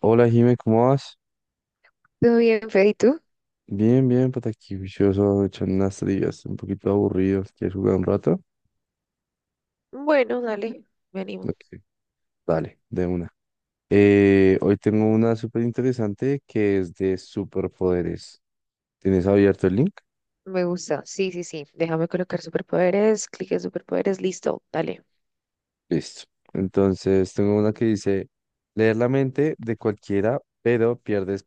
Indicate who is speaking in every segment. Speaker 1: Hola Jimé, ¿cómo vas?
Speaker 2: ¿Todo bien, Fede? ¿Y tú?
Speaker 1: Bien, bien, pues aquí vicioso, echando unas trivias, un poquito aburridos. ¿Quieres jugar un rato?
Speaker 2: Bueno, dale, me animo.
Speaker 1: Ok, dale, de una. Hoy tengo una súper interesante que es de superpoderes. ¿Tienes abierto el link?
Speaker 2: Me gusta. Sí, sí, sí. Déjame colocar superpoderes, clic en superpoderes, listo, dale.
Speaker 1: Listo. Entonces, tengo una que dice, leer la mente de cualquiera, pero pierdes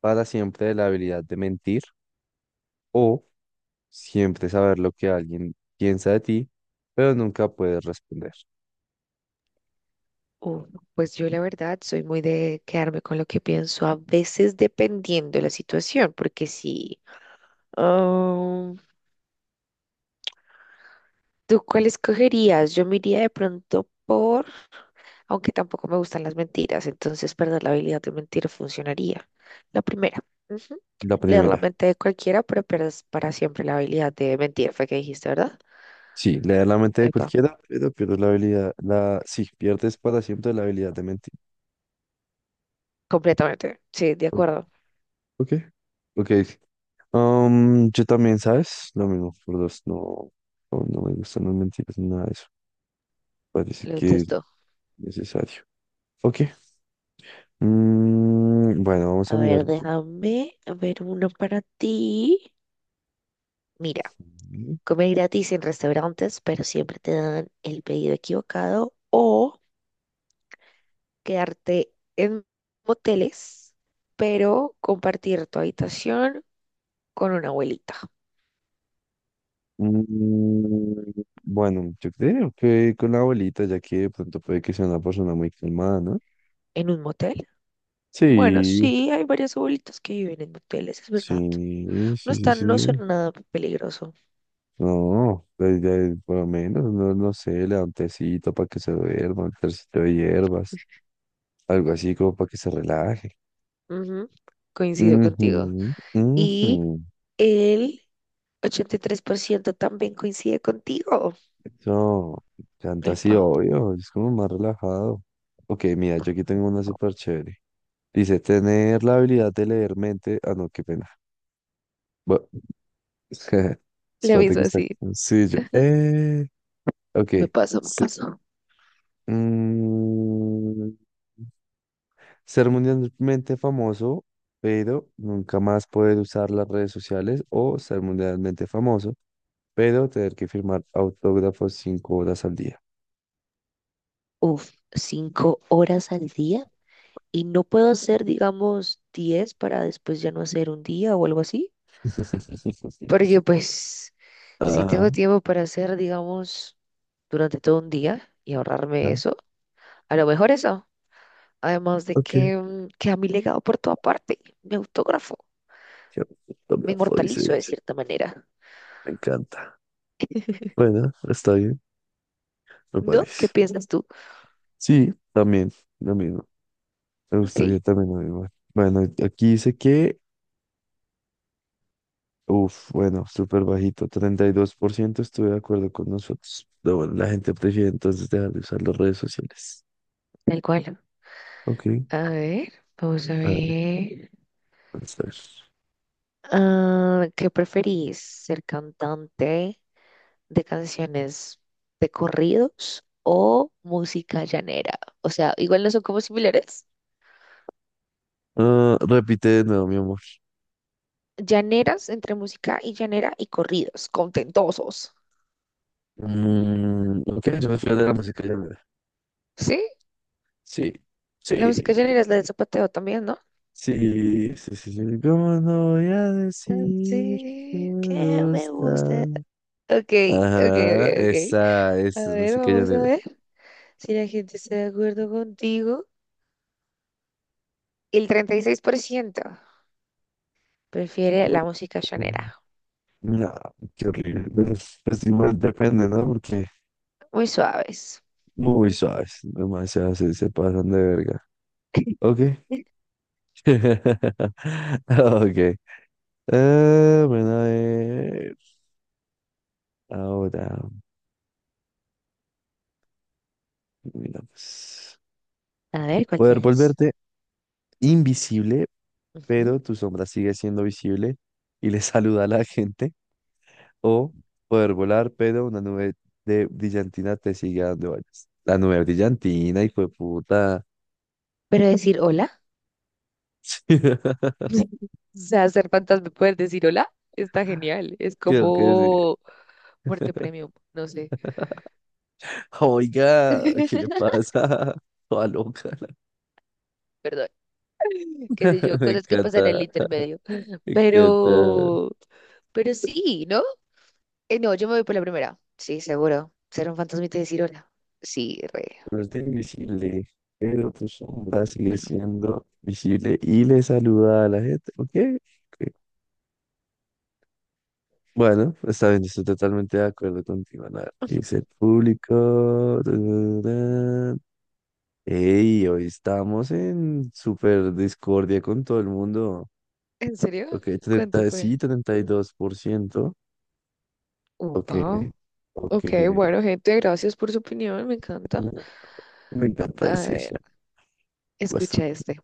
Speaker 1: para siempre la habilidad de mentir o siempre saber lo que alguien piensa de ti, pero nunca puedes responder.
Speaker 2: Uh, pues yo la verdad soy muy de quedarme con lo que pienso, a veces dependiendo de la situación, porque si... ah, ¿tú cuál escogerías? Yo me iría de pronto por... aunque tampoco me gustan las mentiras, entonces perder la habilidad de mentir funcionaría. La primera. Ujú.
Speaker 1: La
Speaker 2: Leer la
Speaker 1: primera.
Speaker 2: mente de cualquiera, pero pierdes para siempre la habilidad de mentir, fue que dijiste, ¿verdad?
Speaker 1: Sí, leer la mente de
Speaker 2: Epa,
Speaker 1: cualquiera, pero pierdes la habilidad, la, sí, pierdes para siempre la habilidad de mentir.
Speaker 2: completamente. Sí, de
Speaker 1: Ok,
Speaker 2: acuerdo.
Speaker 1: ok. Ok. Yo también, ¿sabes? Lo mismo, por dos, no, no, no me gustan las mentiras ni nada de eso. Parece
Speaker 2: Lo
Speaker 1: que es
Speaker 2: detesto.
Speaker 1: necesario. Ok, bueno, vamos a
Speaker 2: A
Speaker 1: mirar.
Speaker 2: ver, déjame ver uno para ti. Mira, comer gratis en restaurantes, pero siempre te dan el pedido equivocado o quedarte en moteles, pero compartir tu habitación con una abuelita.
Speaker 1: Mm, bueno, yo creo que con la abuelita, ya que de pronto puede que sea una persona muy calmada, ¿no?
Speaker 2: ¿En un motel? Bueno,
Speaker 1: Sí,
Speaker 2: sí, hay varias abuelitas que viven en moteles, es verdad.
Speaker 1: sí,
Speaker 2: No
Speaker 1: sí, sí,
Speaker 2: están, no
Speaker 1: sí.
Speaker 2: son nada peligroso.
Speaker 1: No, pues, por lo menos, no, no sé, le da un tecito para que se duerma, un tecito de hierbas, algo así como para que se relaje.
Speaker 2: Ujú. Coincido
Speaker 1: Ujú,
Speaker 2: contigo. Y
Speaker 1: ujú.
Speaker 2: el 83% también coincide contigo.
Speaker 1: Eso, canta así,
Speaker 2: Epa,
Speaker 1: obvio, es como más relajado. Ok, mira, yo aquí tengo una súper chévere. Dice, tener la habilidad de leer mente. Ah, no, qué pena. Bueno,
Speaker 2: le
Speaker 1: espérate
Speaker 2: aviso
Speaker 1: que está.
Speaker 2: así.
Speaker 1: Sí, yo. Ok.
Speaker 2: Me pasó, me
Speaker 1: se-
Speaker 2: pasó.
Speaker 1: mm, Ser mundialmente famoso, pero nunca más poder usar las redes sociales o ser mundialmente famoso, pero tener que firmar autógrafos 5 horas al día.
Speaker 2: Uf, 5 horas al día y no puedo hacer, digamos, 10 para después ya no hacer un día o algo así. Porque pues, si
Speaker 1: Ah,
Speaker 2: tengo tiempo para hacer, digamos, durante todo un día y ahorrarme
Speaker 1: ah,
Speaker 2: eso. A lo mejor eso. Además de
Speaker 1: ok.
Speaker 2: que queda mi legado por toda parte. Me autógrafo.
Speaker 1: Ya,
Speaker 2: Me
Speaker 1: autógrafo, dice
Speaker 2: inmortalizo de
Speaker 1: ella.
Speaker 2: cierta manera.
Speaker 1: Me encanta. Bueno, está bien, me
Speaker 2: ¿No? ¿Qué
Speaker 1: parece.
Speaker 2: piensas tú?
Speaker 1: Sí, también, lo mismo. Me
Speaker 2: Ok,
Speaker 1: gustaría también lo mismo. Bueno, aquí dice que, bueno, súper bajito, 32% estuve de acuerdo con nosotros. Pero bueno, la gente prefiere entonces dejar de usar las redes sociales.
Speaker 2: tal cual.
Speaker 1: Ok,
Speaker 2: A ver, vamos a
Speaker 1: a ver,
Speaker 2: ver.
Speaker 1: vamos a ver.
Speaker 2: Ah, ¿qué preferís? ¿Ser cantante de canciones de corridos o música llanera? O sea, igual no son como similares.
Speaker 1: Ah, repite de nuevo, mi amor.
Speaker 2: Llaneras entre música y llanera y corridos, contentosos.
Speaker 1: Ok, yo me fui de la música ya, mira.
Speaker 2: ¿Sí?
Speaker 1: Sí,
Speaker 2: La
Speaker 1: sí,
Speaker 2: música llanera es la del zapateo también, ¿no?
Speaker 1: sí, sí, sí, sí. ¿Cómo no voy a decir que
Speaker 2: Así que
Speaker 1: me
Speaker 2: me
Speaker 1: gusta?
Speaker 2: gusta. Ok, ok,
Speaker 1: Ajá,
Speaker 2: ok, ok.
Speaker 1: esa,
Speaker 2: A
Speaker 1: esa es
Speaker 2: ver,
Speaker 1: música
Speaker 2: vamos a
Speaker 1: llanera.
Speaker 2: ver si la gente está de acuerdo contigo. El 36% prefiere
Speaker 1: Uh,
Speaker 2: la música llanera.
Speaker 1: No, qué horrible. Pues, igual depende, ¿no? Porque
Speaker 2: Muy suaves.
Speaker 1: muy
Speaker 2: Mm.
Speaker 1: suaves, demasiado se pasan de verga. Ok. Ok. Ah, bueno, a ver. Ahora, mira, pues,
Speaker 2: A ver, ¿cuál
Speaker 1: poder
Speaker 2: tenés?
Speaker 1: volverte invisible,
Speaker 2: Ujú.
Speaker 1: pero tu sombra sigue siendo visible y le saluda a la gente. O poder volar, pero una nube de brillantina te sigue a donde vayas. La nube brillantina, hijo de puta.
Speaker 2: Pero decir hola, o sea, hacer fantasma, poder decir hola, está genial. Es
Speaker 1: Creo que sí.
Speaker 2: como muerte premium, no sé.
Speaker 1: Oiga, ¿qué le pasa? Toda loca,
Speaker 2: Perdón. Qué sé yo,
Speaker 1: me
Speaker 2: cosas que pasan en el
Speaker 1: encanta.
Speaker 2: intermedio.
Speaker 1: Y que te-
Speaker 2: Pero, pero sí, ¿no? No, yo me voy por la primera. Sí, seguro. Ser un fantasmita y decir hola. Sí, re.
Speaker 1: pero está invisible, pero tu sombra sigue
Speaker 2: Bueno,
Speaker 1: siendo visible y le saluda a la gente. ¿Ok? Ok. Bueno, está bien, estoy totalmente de acuerdo contigo, Ana. ¿Qué dice el público? Tararán. Ey, hoy estamos en super discordia con todo el mundo.
Speaker 2: ¿en serio?
Speaker 1: Ok, 30
Speaker 2: ¿Cuánto
Speaker 1: sí,
Speaker 2: fue?
Speaker 1: 32%. Ok,
Speaker 2: Upa. Ok,
Speaker 1: ok.
Speaker 2: bueno, gente, gracias por su opinión, me encanta.
Speaker 1: No, me encanta
Speaker 2: A
Speaker 1: ese,
Speaker 2: ver,
Speaker 1: chat.
Speaker 2: escucha este,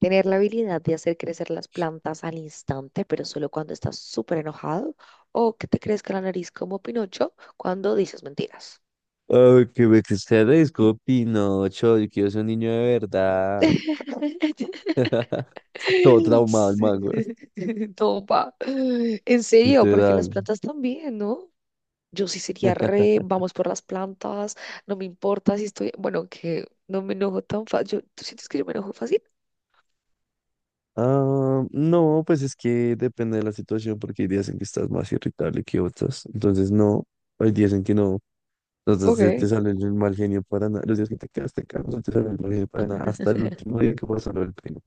Speaker 2: tener la habilidad de hacer crecer las plantas al instante, pero solo cuando estás súper enojado, o que te crezca la nariz como Pinocho cuando dices mentiras.
Speaker 1: Ay, que me desaparezco, Pinocho. Yo quiero ser un niño de verdad. Todo traumado el
Speaker 2: Sí.
Speaker 1: mango.
Speaker 2: No, pa. En serio, porque las
Speaker 1: Literal.
Speaker 2: plantas también, ¿no? Yo sí sería re, vamos por las plantas, no me importa si estoy, bueno, que no me enojo tan fácil. ¿Tú sientes que yo me enojo fácil?
Speaker 1: Ah, no, pues es que depende de la situación, porque hay días en que estás más irritable que otras. Entonces, no, hay días en que no. Entonces,
Speaker 2: Ok,
Speaker 1: se te sale el mal genio para nada. Los días que te quedas, no te sale el mal genio para nada. Hasta el último día que vas a ver el primo.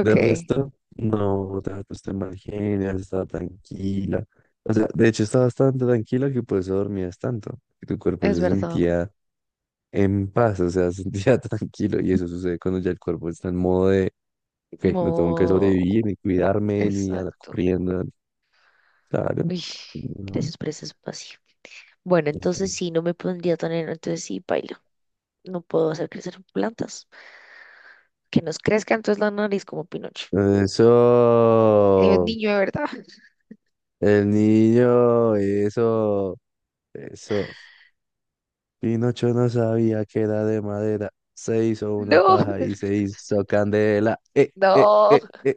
Speaker 1: De resto, no te has puesto en mal genio, has tranquila. O sea, de hecho, estabas bastante tranquila, que por eso dormías tanto, que tu cuerpo
Speaker 2: es
Speaker 1: se
Speaker 2: verdad.
Speaker 1: sentía en paz, o sea, se sentía tranquilo. Y eso sucede cuando ya el cuerpo está en modo de, ok, no tengo que
Speaker 2: Mo-
Speaker 1: sobrevivir, ni cuidarme, ni andar
Speaker 2: Exacto.
Speaker 1: corriendo. Claro.
Speaker 2: Uy,
Speaker 1: No.
Speaker 2: gracias por ese espacio. Bueno, entonces sí, no me pondría tan entonces sí, bailo. No puedo hacer crecer plantas. Que nos crezca entonces la nariz como Pinocho. Es
Speaker 1: Eso,
Speaker 2: niño de verdad.
Speaker 1: el niño, eso, eso. Pinocho no sabía que era de madera. Se hizo una
Speaker 2: No.
Speaker 1: paja y se hizo candela.
Speaker 2: No,
Speaker 1: Eh.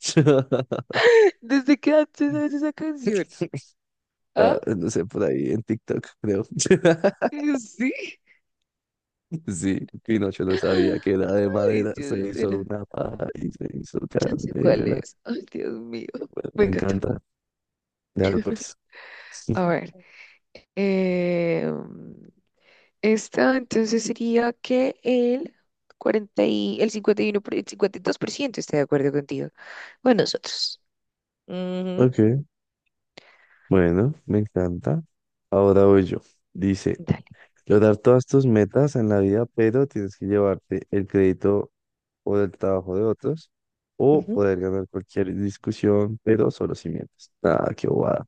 Speaker 2: ¿desde que antes sabes esa canción? ¿Ah?
Speaker 1: Ah, no sé, por ahí en TikTok, creo.
Speaker 2: Sí.
Speaker 1: Sí, Pinocho no sabía que era de
Speaker 2: Ay,
Speaker 1: madera. Se
Speaker 2: Dios,
Speaker 1: hizo
Speaker 2: mira,
Speaker 1: una paja y se hizo
Speaker 2: ya sé cuál
Speaker 1: candela.
Speaker 2: es. Ay, Dios mío,
Speaker 1: Bueno,
Speaker 2: me
Speaker 1: me
Speaker 2: encantó.
Speaker 1: encanta. Ya pues.
Speaker 2: A ver, eh, esta entonces sería que el 40 y el 51 por- el 52% está de acuerdo contigo. Bueno, nosotros. Ujú.
Speaker 1: Ok, bueno, me encanta. Ahora voy yo. Dice,
Speaker 2: Dale.
Speaker 1: lograr todas tus metas en la vida, pero tienes que llevarte el crédito o del trabajo de otros, o
Speaker 2: Ujú.
Speaker 1: poder ganar cualquier discusión, pero solo si mientes. Nada, qué bobada.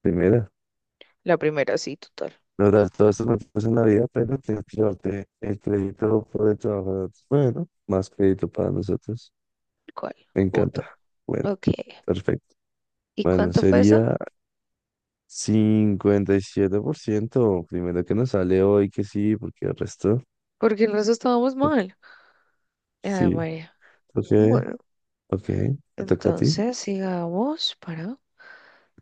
Speaker 1: Primera,
Speaker 2: La primera, sí, total.
Speaker 1: lograr todo esto me pasa en la vida, pero tienes que llevarte el crédito por el trabajo de otros. Bueno, más crédito para nosotros.
Speaker 2: ¿Cuál?
Speaker 1: Me
Speaker 2: Punto.
Speaker 1: encanta. Bueno,
Speaker 2: Ok.
Speaker 1: perfecto.
Speaker 2: ¿Y
Speaker 1: Bueno,
Speaker 2: cuánto fue eso?
Speaker 1: sería 57%, primero que nos sale hoy que sí, porque el resto,
Speaker 2: Porque el resto estábamos
Speaker 1: ok,
Speaker 2: mal. Ay,
Speaker 1: sí,
Speaker 2: María.
Speaker 1: ok,
Speaker 2: Bueno.
Speaker 1: ok, te toca a ti.
Speaker 2: Entonces, sigamos para.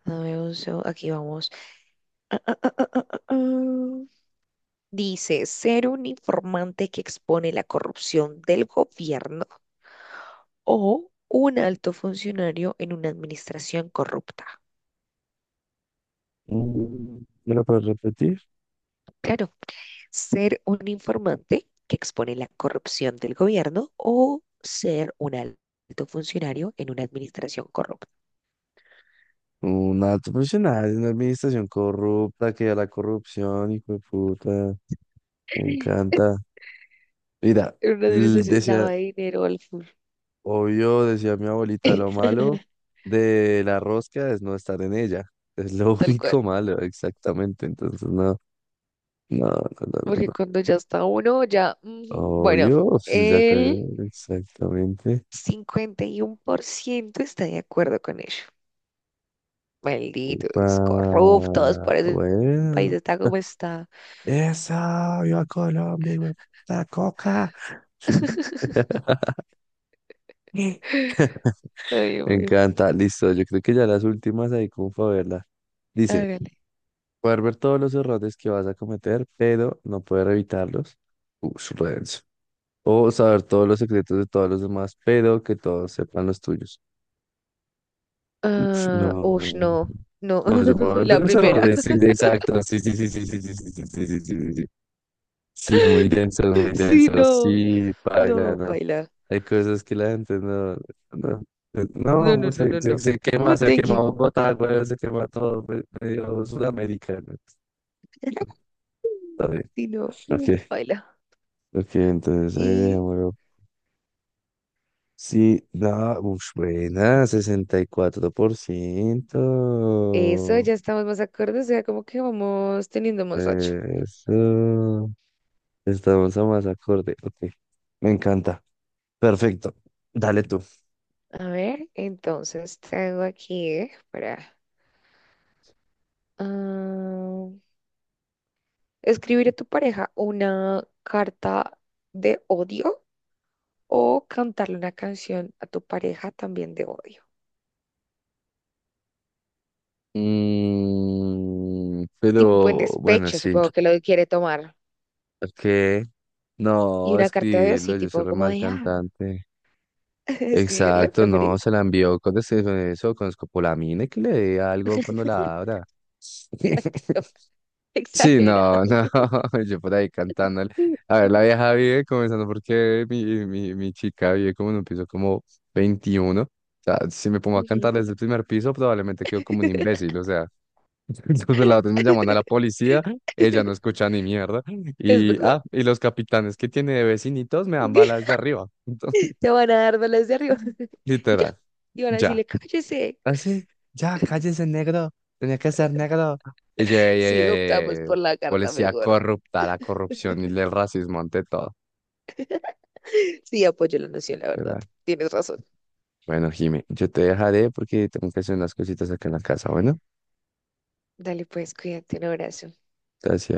Speaker 2: Dame un segundo. Aquí vamos. Ah, ah, ah, ah, ah. Dice, ser un informante que expone la corrupción del gobierno o un alto funcionario en una administración corrupta.
Speaker 1: Mm, ¿Me lo puedes repetir?
Speaker 2: Claro, ser un informante que expone la corrupción del gobierno o ser un alto funcionario en una administración corrupta.
Speaker 1: Un alto profesional, de una administración corrupta, que a la corrupción, hijo de puta, me encanta. Mira,
Speaker 2: En una administración
Speaker 1: decía,
Speaker 2: lava de dinero,
Speaker 1: obvio, decía mi abuelita, lo malo de la rosca es no estar en ella. Es lo
Speaker 2: tal cual.
Speaker 1: único malo, exactamente. Entonces, no, no, no, no, no,
Speaker 2: Porque
Speaker 1: no.
Speaker 2: cuando ya está uno, ya. Ujú. Bueno,
Speaker 1: Obvio, pues, ya cagué,
Speaker 2: el
Speaker 1: exactamente.
Speaker 2: 51% está de acuerdo con ello.
Speaker 1: Upa,
Speaker 2: Malditos, corruptos, por eso el país
Speaker 1: bueno.
Speaker 2: está como está.
Speaker 1: Eso, yo a Colombia, hijo de puta, coca.
Speaker 2: Ay, Dios
Speaker 1: Me
Speaker 2: mío.
Speaker 1: encanta. Listo, yo creo que ya las últimas ahí como para verla. Dice,
Speaker 2: Hágale.
Speaker 1: poder ver todos los errores que vas a cometer, pero no poder evitarlos. Ush, re denso. O saber todos los secretos de todos los demás, pero que todos sepan los tuyos. Ush,
Speaker 2: Ah, ush,
Speaker 1: no.
Speaker 2: no, no,
Speaker 1: No, yo me voy a
Speaker 2: la
Speaker 1: meter los
Speaker 2: primera.
Speaker 1: errores. Sí, exacto. Sí, sí, sí, sí, sí, sí, sí, sí, sí, sí, sí, sí. Sí, sí, muy densos, muy
Speaker 2: Sí,
Speaker 1: densos.
Speaker 2: no,
Speaker 1: Sí, paila,
Speaker 2: no,
Speaker 1: no.
Speaker 2: baila.
Speaker 1: Hay cosas que la gente no, no,
Speaker 2: No,
Speaker 1: no,
Speaker 2: no,
Speaker 1: pues,
Speaker 2: no,
Speaker 1: se,
Speaker 2: no,
Speaker 1: se,
Speaker 2: no.
Speaker 1: se
Speaker 2: No,
Speaker 1: quema, se ha
Speaker 2: thank you.
Speaker 1: quemado Bogotá, güey, se quema todo, pues, medio Sudamérica, ¿no? Está bien.
Speaker 2: Sí, no,
Speaker 1: Ok,
Speaker 2: baila.
Speaker 1: ok, entonces ahí
Speaker 2: Y
Speaker 1: dejémoslo. Sí, no, uf, buena, sesenta y cuatro por
Speaker 2: eso,
Speaker 1: ciento
Speaker 2: ya estamos más acordes, o sea, como que vamos teniendo más racha.
Speaker 1: Eso. Estamos a más acorde. Ok, me encanta. Perfecto. Dale tú.
Speaker 2: A ver, entonces tengo aquí para ah, escribir a tu pareja una carta de odio o cantarle una canción a tu pareja también de odio. Tipo en
Speaker 1: Pero bueno,
Speaker 2: despecho,
Speaker 1: sí.
Speaker 2: supongo que lo quiere tomar.
Speaker 1: Ok.
Speaker 2: Y
Speaker 1: No,
Speaker 2: una carta de odio,
Speaker 1: escribirlo,
Speaker 2: sí,
Speaker 1: yo soy
Speaker 2: tipo
Speaker 1: re
Speaker 2: como
Speaker 1: mal
Speaker 2: de,
Speaker 1: cantante.
Speaker 2: escribirle,
Speaker 1: Exacto, no,
Speaker 2: ¿preferís?
Speaker 1: se la envió con eso, con escopolamina y que le dé algo cuando la abra.
Speaker 2: Maldito,
Speaker 1: Sí,
Speaker 2: exagerado.
Speaker 1: no, no, yo por ahí cantando.
Speaker 2: Sí,
Speaker 1: A ver, la vieja vive comenzando porque mi chica vive como en un piso como 21. O sea, si me pongo a
Speaker 2: ujú.
Speaker 1: cantar desde el primer piso, probablemente quedo como un imbécil, o sea. Entonces los delator me llaman a la policía, ella no escucha ni mierda.
Speaker 2: Es
Speaker 1: Y,
Speaker 2: verdad.
Speaker 1: ah, y los capitanes que tiene de vecinitos me dan balas de arriba. Entonces,
Speaker 2: Te van a dar balas de arriba. Y ya.
Speaker 1: literal,
Speaker 2: Y van a
Speaker 1: ya.
Speaker 2: decirle, cállese.
Speaker 1: Así, ya, cállese, negro. Tenía que ser negro. Y yo, "Ey, ey,
Speaker 2: Sí, optamos
Speaker 1: ey, ey,
Speaker 2: por la carta
Speaker 1: policía
Speaker 2: mejor.
Speaker 1: corrupta, la corrupción y el racismo ante todo".
Speaker 2: Sí, apoyo la noción, la verdad.
Speaker 1: Literal.
Speaker 2: Tienes razón.
Speaker 1: Bueno, Jimmy, yo te dejaré porque tengo que hacer unas cositas acá en la casa. Bueno,
Speaker 2: Dale, pues, cuídate, un abrazo.
Speaker 1: gracias.